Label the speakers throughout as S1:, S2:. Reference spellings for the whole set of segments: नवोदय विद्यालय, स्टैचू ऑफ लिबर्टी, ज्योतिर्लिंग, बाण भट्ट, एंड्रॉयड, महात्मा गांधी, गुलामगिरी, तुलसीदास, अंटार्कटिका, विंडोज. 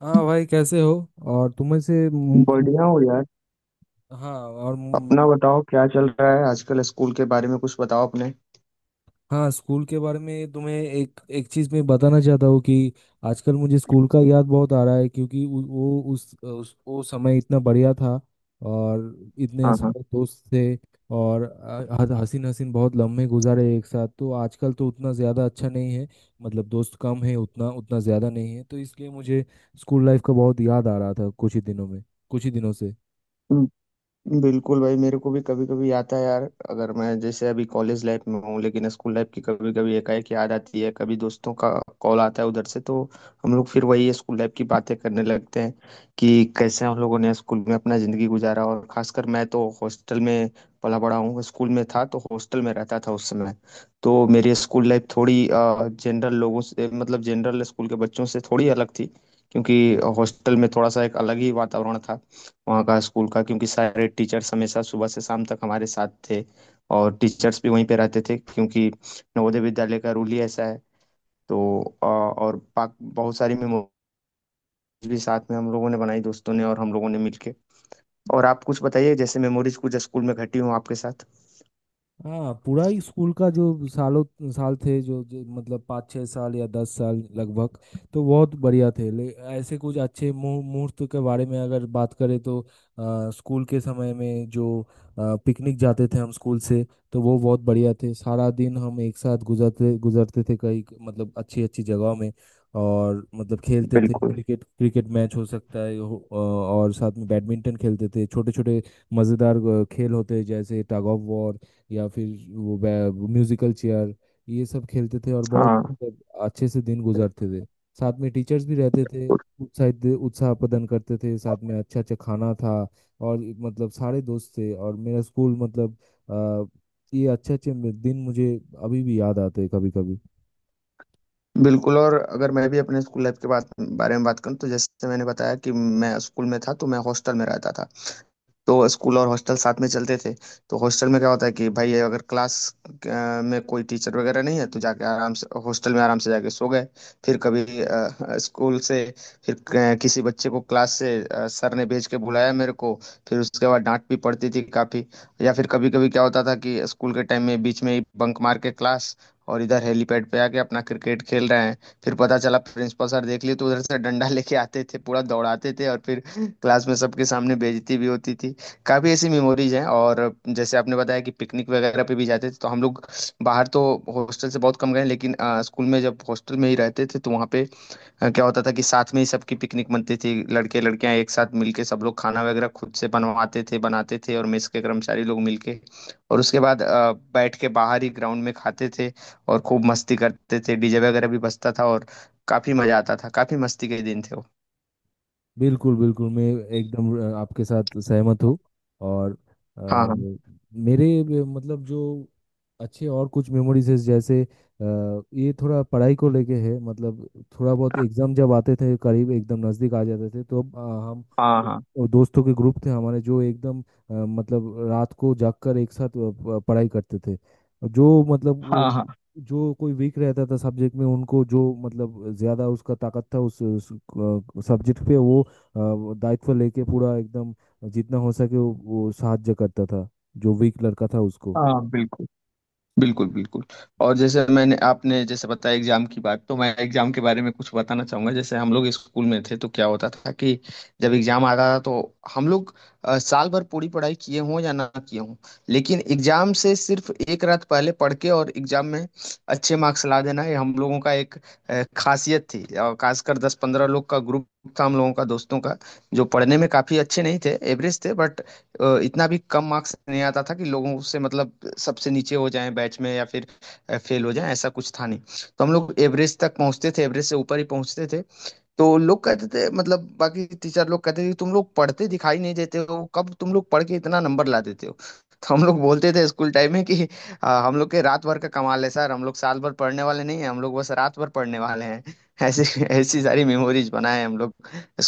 S1: हाँ भाई, कैसे हो। और तुम्हें से मु- मु-
S2: बढ़िया हो यार।
S1: हाँ और
S2: अपना
S1: मु-
S2: बताओ, क्या चल रहा है आजकल? स्कूल के बारे में कुछ बताओ अपने।
S1: हाँ, स्कूल के बारे में तुम्हें एक एक चीज़ मैं बताना चाहता हूँ कि आजकल मुझे स्कूल का याद बहुत आ रहा है, क्योंकि वो उस वो समय इतना बढ़िया था और इतने
S2: हाँ, हाँ,
S1: सारे दोस्त थे। और हसीन हसीन बहुत लम्हे गुजारे एक साथ, तो आजकल तो उतना ज़्यादा अच्छा नहीं है। मतलब दोस्त कम है, उतना उतना ज़्यादा नहीं है, तो इसलिए मुझे स्कूल लाइफ का बहुत याद आ रहा था कुछ ही दिनों में, कुछ ही दिनों से।
S2: बिल्कुल भाई, मेरे को भी कभी कभी आता है यार। अगर मैं जैसे अभी कॉलेज लाइफ में हूँ, लेकिन स्कूल लाइफ की कभी कभी एकाएक याद आती है। कभी दोस्तों का कॉल आता है उधर से, तो हम लोग फिर वही स्कूल लाइफ की बातें करने लगते हैं कि कैसे हम लोगों ने स्कूल में अपना जिंदगी गुजारा। और खासकर मैं तो हॉस्टल में पला बड़ा हूँ, स्कूल में था तो हॉस्टल में रहता था उस समय। तो मेरी स्कूल लाइफ थोड़ी जनरल लोगों से, मतलब जनरल स्कूल के बच्चों से थोड़ी अलग थी, क्योंकि हॉस्टल में थोड़ा सा एक अलग ही वातावरण था वहाँ का स्कूल का, क्योंकि सारे टीचर्स हमेशा सुबह से शाम तक हमारे साथ थे। और टीचर्स भी वहीं पे रहते थे, क्योंकि नवोदय विद्यालय का रूल ही ऐसा है। तो बहुत सारी मेमोरीज भी साथ में हम लोगों ने बनाई, दोस्तों ने और हम लोगों ने मिलके। और आप कुछ बताइए, जैसे मेमोरीज कुछ स्कूल में घटी हो आपके साथ।
S1: हाँ, पूरा ही स्कूल का जो सालों साल थे, जो मतलब 5-6 साल या 10 साल लगभग, तो बहुत बढ़िया थे। ले ऐसे कुछ अच्छे मुहूर्त के बारे में अगर बात करें तो स्कूल के समय में जो पिकनिक जाते थे हम स्कूल से, तो वो बहुत बढ़िया थे। सारा दिन हम एक साथ गुजरते गुजरते थे कई, मतलब अच्छी अच्छी जगहों में, और मतलब खेलते थे
S2: बिल्कुल।
S1: क्रिकेट। क्रिकेट मैच हो सकता है और साथ में बैडमिंटन खेलते थे। छोटे छोटे मज़ेदार खेल होते हैं, जैसे टग ऑफ वॉर या फिर वो वो म्यूजिकल चेयर। ये सब खेलते थे और बहुत
S2: हाँ,
S1: अच्छे से दिन गुजारते थे। साथ में टीचर्स भी रहते थे, उत्साह प्रदान करते थे। साथ में अच्छा अच्छा खाना था और एक मतलब सारे दोस्त थे, और मेरा स्कूल मतलब अ, ये अच्छे अच्छे दिन मुझे अभी भी याद आते हैं कभी कभी।
S2: बिल्कुल, और अगर मैं भी अपने स्कूल लाइफ के बात बारे में बात करूँ, तो जैसे मैंने बताया कि मैं स्कूल में था तो मैं हॉस्टल में रहता था, तो स्कूल और हॉस्टल साथ में चलते थे। तो हॉस्टल में क्या होता है कि भाई अगर में कोई टीचर वगैरह नहीं है तो जाके आराम से हॉस्टल में आराम से जाके सो गए। फिर कभी अ, स्कूल से फिर अ, किसी बच्चे को क्लास से सर ने भेज के बुलाया मेरे को, फिर उसके बाद डांट भी पड़ती थी काफ़ी। या फिर कभी कभी क्या होता था कि स्कूल के टाइम में बीच में ही बंक मार के क्लास, और इधर हेलीपैड पे आके अपना क्रिकेट खेल रहे हैं। फिर पता चला प्रिंसिपल सर देख लिए तो उधर से डंडा लेके आते थे, पूरा दौड़ाते थे, और फिर क्लास में सबके सामने बेइज्जती भी होती थी। काफ़ी ऐसी मेमोरीज हैं। और जैसे आपने बताया कि पिकनिक वगैरह पे भी जाते थे, तो हम लोग बाहर तो हॉस्टल से बहुत कम गए, लेकिन स्कूल में जब हॉस्टल में ही रहते थे तो वहाँ पे क्या होता था कि साथ में ही सबकी पिकनिक बनती थी। लड़के लड़कियाँ एक साथ मिलके सब लोग खाना वगैरह खुद से बनवाते थे, बनाते थे और मेस के कर्मचारी लोग मिलके। और उसके बाद बैठ के बाहर ही ग्राउंड में खाते थे, और खूब मस्ती करते थे, डीजे वगैरह भी बजता था। और काफ़ी मज़ा आता था, काफ़ी मस्ती के दिन थे वो।
S1: बिल्कुल बिल्कुल, मैं एकदम आपके साथ सहमत हूँ। और
S2: हाँ, हाँ,
S1: मतलब जो अच्छे और कुछ मेमोरीज है, जैसे ये थोड़ा पढ़ाई को लेके है। मतलब थोड़ा बहुत एग्जाम जब आते थे, करीब एकदम नज़दीक आ जाते थे, तो हम
S2: हाँ।
S1: और दोस्तों के ग्रुप थे हमारे, जो एकदम मतलब रात को जागकर एक साथ पढ़ाई करते थे। जो मतलब
S2: हाँ, हाँ,
S1: वो-
S2: हाँ।
S1: जो कोई वीक रहता था सब्जेक्ट में, उनको जो मतलब ज्यादा उसका ताकत था उस सब्जेक्ट पे, वो वो दायित्व लेके पूरा एकदम जितना हो सके वो साहाଯ୍य करता था जो वीक लड़का था उसको।
S2: हाँ, बिल्कुल, बिल्कुल, बिल्कुल। और जैसे मैंने, आपने जैसे बताया, एग्जाम की बात, तो मैं एग्जाम के बारे में कुछ बताना चाहूंगा। जैसे हम लोग स्कूल में थे तो क्या होता था कि जब एग्जाम आता था तो हम लोग साल भर पूरी पढ़ाई किए हों या ना किए हों, लेकिन एग्जाम से सिर्फ एक रात पहले पढ़ के और एग्जाम में अच्छे मार्क्स ला देना, ये हम लोगों का एक खासियत थी। और खासकर दस पंद्रह लोग का ग्रुप था हम लोगों का दोस्तों का, जो पढ़ने में काफी अच्छे नहीं थे, एवरेज थे। बट इतना भी कम मार्क्स नहीं आता था कि लोगों से, मतलब सबसे नीचे हो जाएं बैच में, या फिर फेल हो जाएं, ऐसा कुछ था नहीं। तो हम लोग एवरेज तक पहुंचते थे, एवरेज से ऊपर ही पहुंचते थे। तो लोग कहते थे, मतलब बाकी टीचर लोग कहते थे कि तुम लोग पढ़ते दिखाई नहीं देते हो, कब तुम लोग पढ़ के इतना नंबर ला देते हो। तो हम लोग बोलते थे स्कूल टाइम में कि हम लोग के रात भर का कमाल है सर, हम लोग साल भर पढ़ने वाले नहीं हैं, हम लोग बस रात भर पढ़ने वाले हैं"। ऐसी ऐसी सारी मेमोरीज बनाए हैं हम लोग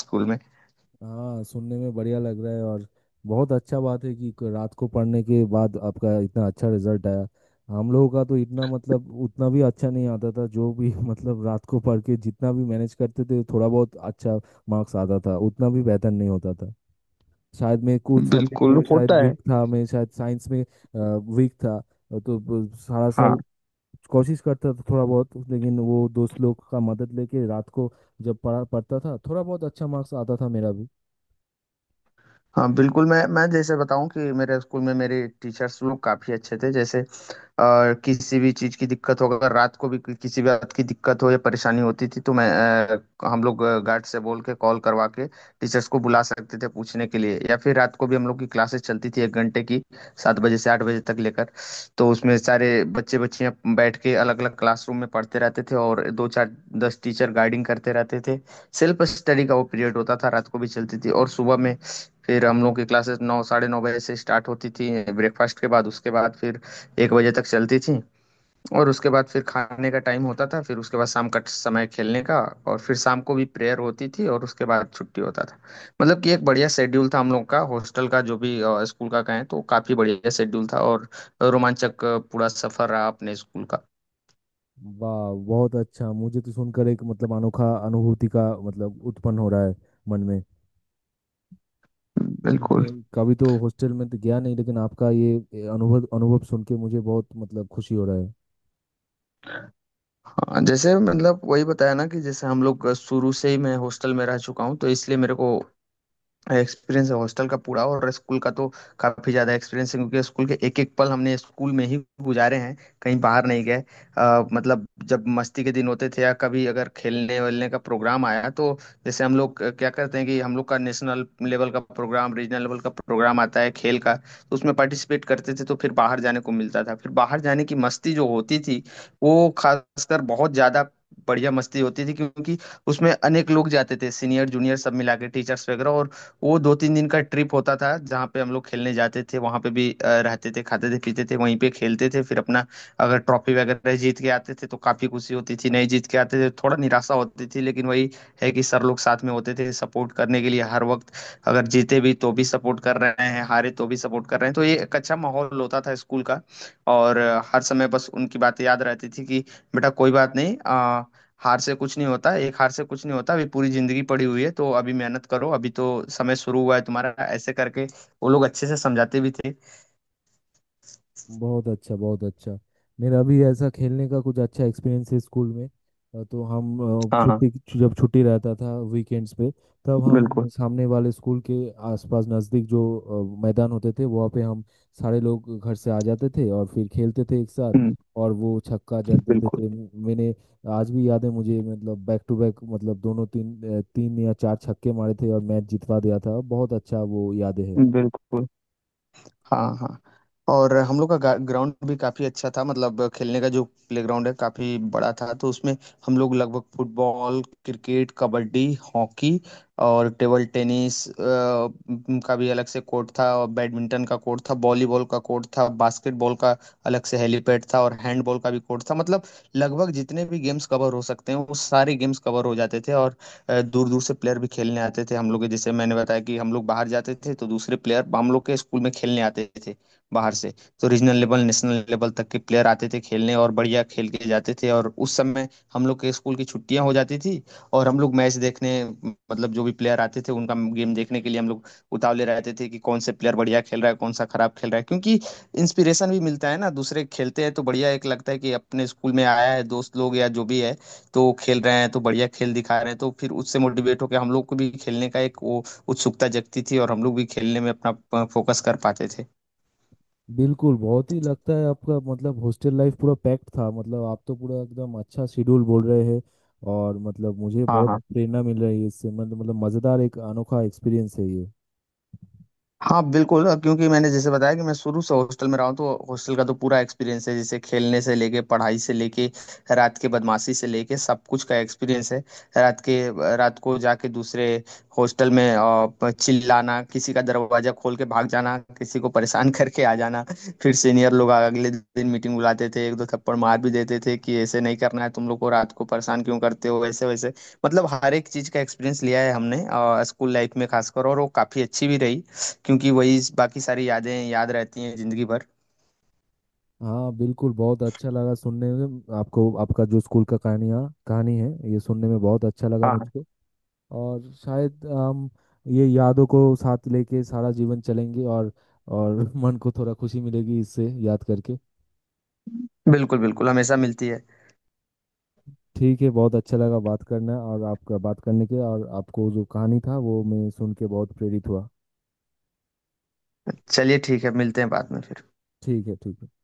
S2: स्कूल में।
S1: हाँ, सुनने में बढ़िया लग रहा है। और बहुत अच्छा बात है कि रात को पढ़ने के बाद आपका इतना अच्छा रिजल्ट आया। हम लोगों का तो इतना, मतलब उतना भी अच्छा नहीं आता था जो भी मतलब रात को पढ़ के जितना भी मैनेज करते थे, थोड़ा बहुत अच्छा मार्क्स आता था, उतना भी बेहतर नहीं होता था। शायद मैं कुछ सब्जेक्ट
S2: बिल्कुल
S1: में शायद
S2: होता है।
S1: वीक था, मैं शायद साइंस में वीक था। तो सारा
S2: हाँ,
S1: साल कोशिश करता था थोड़ा बहुत, लेकिन वो दोस्त लोग का मदद लेके रात को जब पढ़ा पढ़ता था, थोड़ा बहुत अच्छा मार्क्स आता था मेरा भी।
S2: हाँ, बिल्कुल। मैं जैसे बताऊं कि मेरे स्कूल में मेरे टीचर्स लोग काफी अच्छे थे। जैसे किसी भी चीज की दिक्कत हो, अगर रात को भी किसी भी बात की दिक्कत हो या परेशानी होती थी तो हम लोग गार्ड से बोल के कॉल करवा के टीचर्स को बुला सकते थे पूछने के लिए। या फिर रात को भी हम लोग की क्लासेस चलती थी, एक घंटे की, सात बजे से आठ बजे तक लेकर। तो उसमें सारे बच्चे बच्चियां बैठ के अलग अलग क्लासरूम में पढ़ते रहते थे, और दो चार दस टीचर गाइडिंग करते रहते थे। सेल्फ स्टडी का वो पीरियड होता था, रात को भी चलती थी। और सुबह में फिर हम लोग की क्लासेस नौ साढ़े नौ बजे से स्टार्ट होती थी ब्रेकफास्ट के बाद। उसके बाद फिर एक बजे तक चलती थी, और उसके बाद फिर खाने का टाइम होता था। फिर उसके बाद शाम का समय खेलने का, और फिर शाम को भी प्रेयर होती थी, और उसके बाद छुट्टी होता था। मतलब कि एक बढ़िया शेड्यूल था हम लोग का हॉस्टल का, जो भी स्कूल का कहें तो काफी बढ़िया शेड्यूल था। और रोमांचक पूरा सफर रहा अपने स्कूल का।
S1: वाह, बहुत अच्छा। मुझे तो सुनकर एक मतलब अनोखा अनुभूति का मतलब उत्पन्न हो रहा है मन में।
S2: बिल्कुल।
S1: मैं कभी तो हॉस्टल में तो गया नहीं, लेकिन आपका ये अनुभव अनुभव सुन के मुझे बहुत मतलब खुशी हो रहा है।
S2: हाँ, जैसे मतलब वही बताया ना कि जैसे हम लोग शुरू से ही, मैं हॉस्टल में रह चुका हूँ, तो इसलिए मेरे को एक्सपीरियंस है हॉस्टल का पूरा, और स्कूल का तो काफी ज्यादा एक्सपीरियंस है, क्योंकि स्कूल के एक एक पल हमने स्कूल में ही गुजारे हैं, कहीं बाहर नहीं गए। मतलब जब मस्ती के दिन होते थे, या कभी अगर खेलने वेलने का प्रोग्राम आया, तो जैसे हम लोग क्या करते हैं कि हम लोग का नेशनल लेवल का प्रोग्राम, रीजनल लेवल का प्रोग्राम आता है खेल का, तो उसमें पार्टिसिपेट करते थे, तो फिर बाहर जाने को मिलता था। फिर बाहर जाने की मस्ती जो होती थी, वो खासकर बहुत ज्यादा बढ़िया मस्ती होती थी, क्योंकि उसमें अनेक लोग जाते थे, सीनियर जूनियर सब मिला के, टीचर्स वगैरह। और वो दो तीन दिन का ट्रिप होता था, जहाँ पे हम लोग खेलने जाते थे, वहाँ पे भी रहते थे, खाते थे, पीते थे, वहीं पे खेलते थे। फिर अपना, अगर ट्रॉफी वगैरह जीत के आते थे तो काफी खुशी होती थी, नहीं जीत के आते थे थोड़ा निराशा होती थी, लेकिन वही है कि सर लोग साथ में होते थे सपोर्ट करने के लिए हर वक्त। अगर जीते भी तो भी सपोर्ट कर रहे हैं, हारे तो भी सपोर्ट कर रहे हैं, तो ये एक अच्छा माहौल होता था स्कूल का। और हर समय बस उनकी बातें याद रहती थी कि बेटा कोई बात नहीं, हार से कुछ नहीं होता, एक हार से कुछ नहीं होता, अभी पूरी जिंदगी पड़ी हुई है, तो अभी मेहनत करो, अभी तो समय शुरू हुआ है तुम्हारा, ऐसे करके वो लोग अच्छे से समझाते भी थे।
S1: बहुत अच्छा, बहुत अच्छा। मेरा भी ऐसा खेलने का कुछ अच्छा एक्सपीरियंस है स्कूल में। तो हम,
S2: हाँ, हाँ,
S1: छुट्टी, जब छुट्टी रहता था वीकेंड्स पे, तब हम
S2: बिल्कुल।
S1: सामने वाले स्कूल के आसपास नज़दीक जो मैदान होते थे, वहाँ पे हम सारे लोग घर से आ जाते थे और फिर खेलते थे एक साथ।
S2: हम्म।
S1: और वो छक्का जड़ देते
S2: बिल्कुल,
S1: थे। मैंने आज भी याद है मुझे, मतलब बैक टू बैक, मतलब दोनों तीन 3 या 4 छक्के मारे थे और मैच जितवा दिया था। बहुत अच्छा वो यादें है।
S2: बिल्कुल। हाँ, हाँ। और हम लोग का ग्राउंड भी काफी अच्छा था, मतलब खेलने का जो प्लेग्राउंड है, काफी बड़ा था। तो उसमें हम लोग लगभग फुटबॉल, क्रिकेट, कबड्डी, हॉकी, और टेबल टेनिस का भी अलग से कोर्ट था, और बैडमिंटन का कोर्ट था, वॉलीबॉल का कोर्ट था, बास्केटबॉल का अलग से हेलीपैड था, और हैंडबॉल का भी कोर्ट था। मतलब लगभग जितने भी गेम्स कवर हो सकते हैं, वो सारे गेम्स कवर हो जाते थे। और दूर दूर से प्लेयर भी खेलने आते थे हम लोग के। जैसे मैंने बताया कि हम लोग बाहर जाते थे, तो दूसरे प्लेयर हम लोग के स्कूल में खेलने आते थे बाहर से। तो रीजनल लेवल, नेशनल लेवल तक के प्लेयर आते थे खेलने, और बढ़िया खेल के जाते थे। और उस समय हम लोग के स्कूल की छुट्टियां हो जाती थी, और हम लोग मैच देखने, मतलब जो भी प्लेयर आते थे उनका गेम देखने के लिए हम लोग उतावले रहते थे कि कौन से प्लेयर बढ़िया खेल रहा है, कौन सा खराब खेल रहा है। क्योंकि इंस्पिरेशन भी मिलता है ना, दूसरे खेलते हैं तो बढ़िया एक लगता है कि अपने स्कूल में आया है दोस्त लोग या जो भी है, तो खेल रहे हैं, तो बढ़िया खेल दिखा रहे हैं, तो फिर उससे मोटिवेट होकर हम लोग को भी खेलने का एक वो उत्सुकता जगती थी, और हम लोग भी खेलने में अपना फोकस कर पाते थे।
S1: बिल्कुल, बहुत ही लगता है आपका, मतलब हॉस्टल लाइफ पूरा पैक्ड था। मतलब आप तो पूरा एकदम अच्छा शेड्यूल बोल रहे हैं, और मतलब मुझे
S2: हाँ,
S1: बहुत
S2: हाँ।
S1: प्रेरणा मिल रही है इससे। मतलब मज़ेदार एक अनोखा एक्सपीरियंस है ये।
S2: हाँ, बिल्कुल। क्योंकि मैंने जैसे बताया कि मैं शुरू से हॉस्टल में रहा हूँ, तो हॉस्टल का तो पूरा एक्सपीरियंस है, जैसे खेलने से लेके, पढ़ाई से लेके, रात के बदमाशी से लेके, सब कुछ का एक्सपीरियंस है। रात के रात को जाके दूसरे हॉस्टल में चिल्लाना, किसी का दरवाजा खोल के भाग जाना, किसी को परेशान करके आ जाना, फिर सीनियर लोग अगले दिन मीटिंग बुलाते थे, एक दो थप्पड़ मार भी देते थे कि ऐसे नहीं करना है, तुम लोग को रात को परेशान क्यों करते हो ऐसे वैसे। मतलब हर एक चीज का एक्सपीरियंस लिया है हमने स्कूल लाइफ में खासकर, और वो काफी अच्छी भी रही, क्योंकि वही बाकी सारी यादें याद रहती हैं जिंदगी भर।
S1: हाँ बिल्कुल, बहुत अच्छा लगा सुनने में आपको, आपका जो स्कूल का कहानियाँ कहानी है, ये सुनने में बहुत अच्छा लगा
S2: हाँ, हाँ,
S1: मुझको। और शायद हम ये यादों को साथ लेके सारा जीवन चलेंगे। और मन को थोड़ा खुशी मिलेगी इससे याद करके।
S2: बिल्कुल, बिल्कुल, हमेशा मिलती है।
S1: ठीक है, बहुत अच्छा लगा बात करना, और आपका बात करने के और आपको जो कहानी था वो मैं सुन के बहुत प्रेरित हुआ।
S2: चलिए, ठीक है, मिलते हैं बाद में फिर।
S1: ठीक है, ठीक है।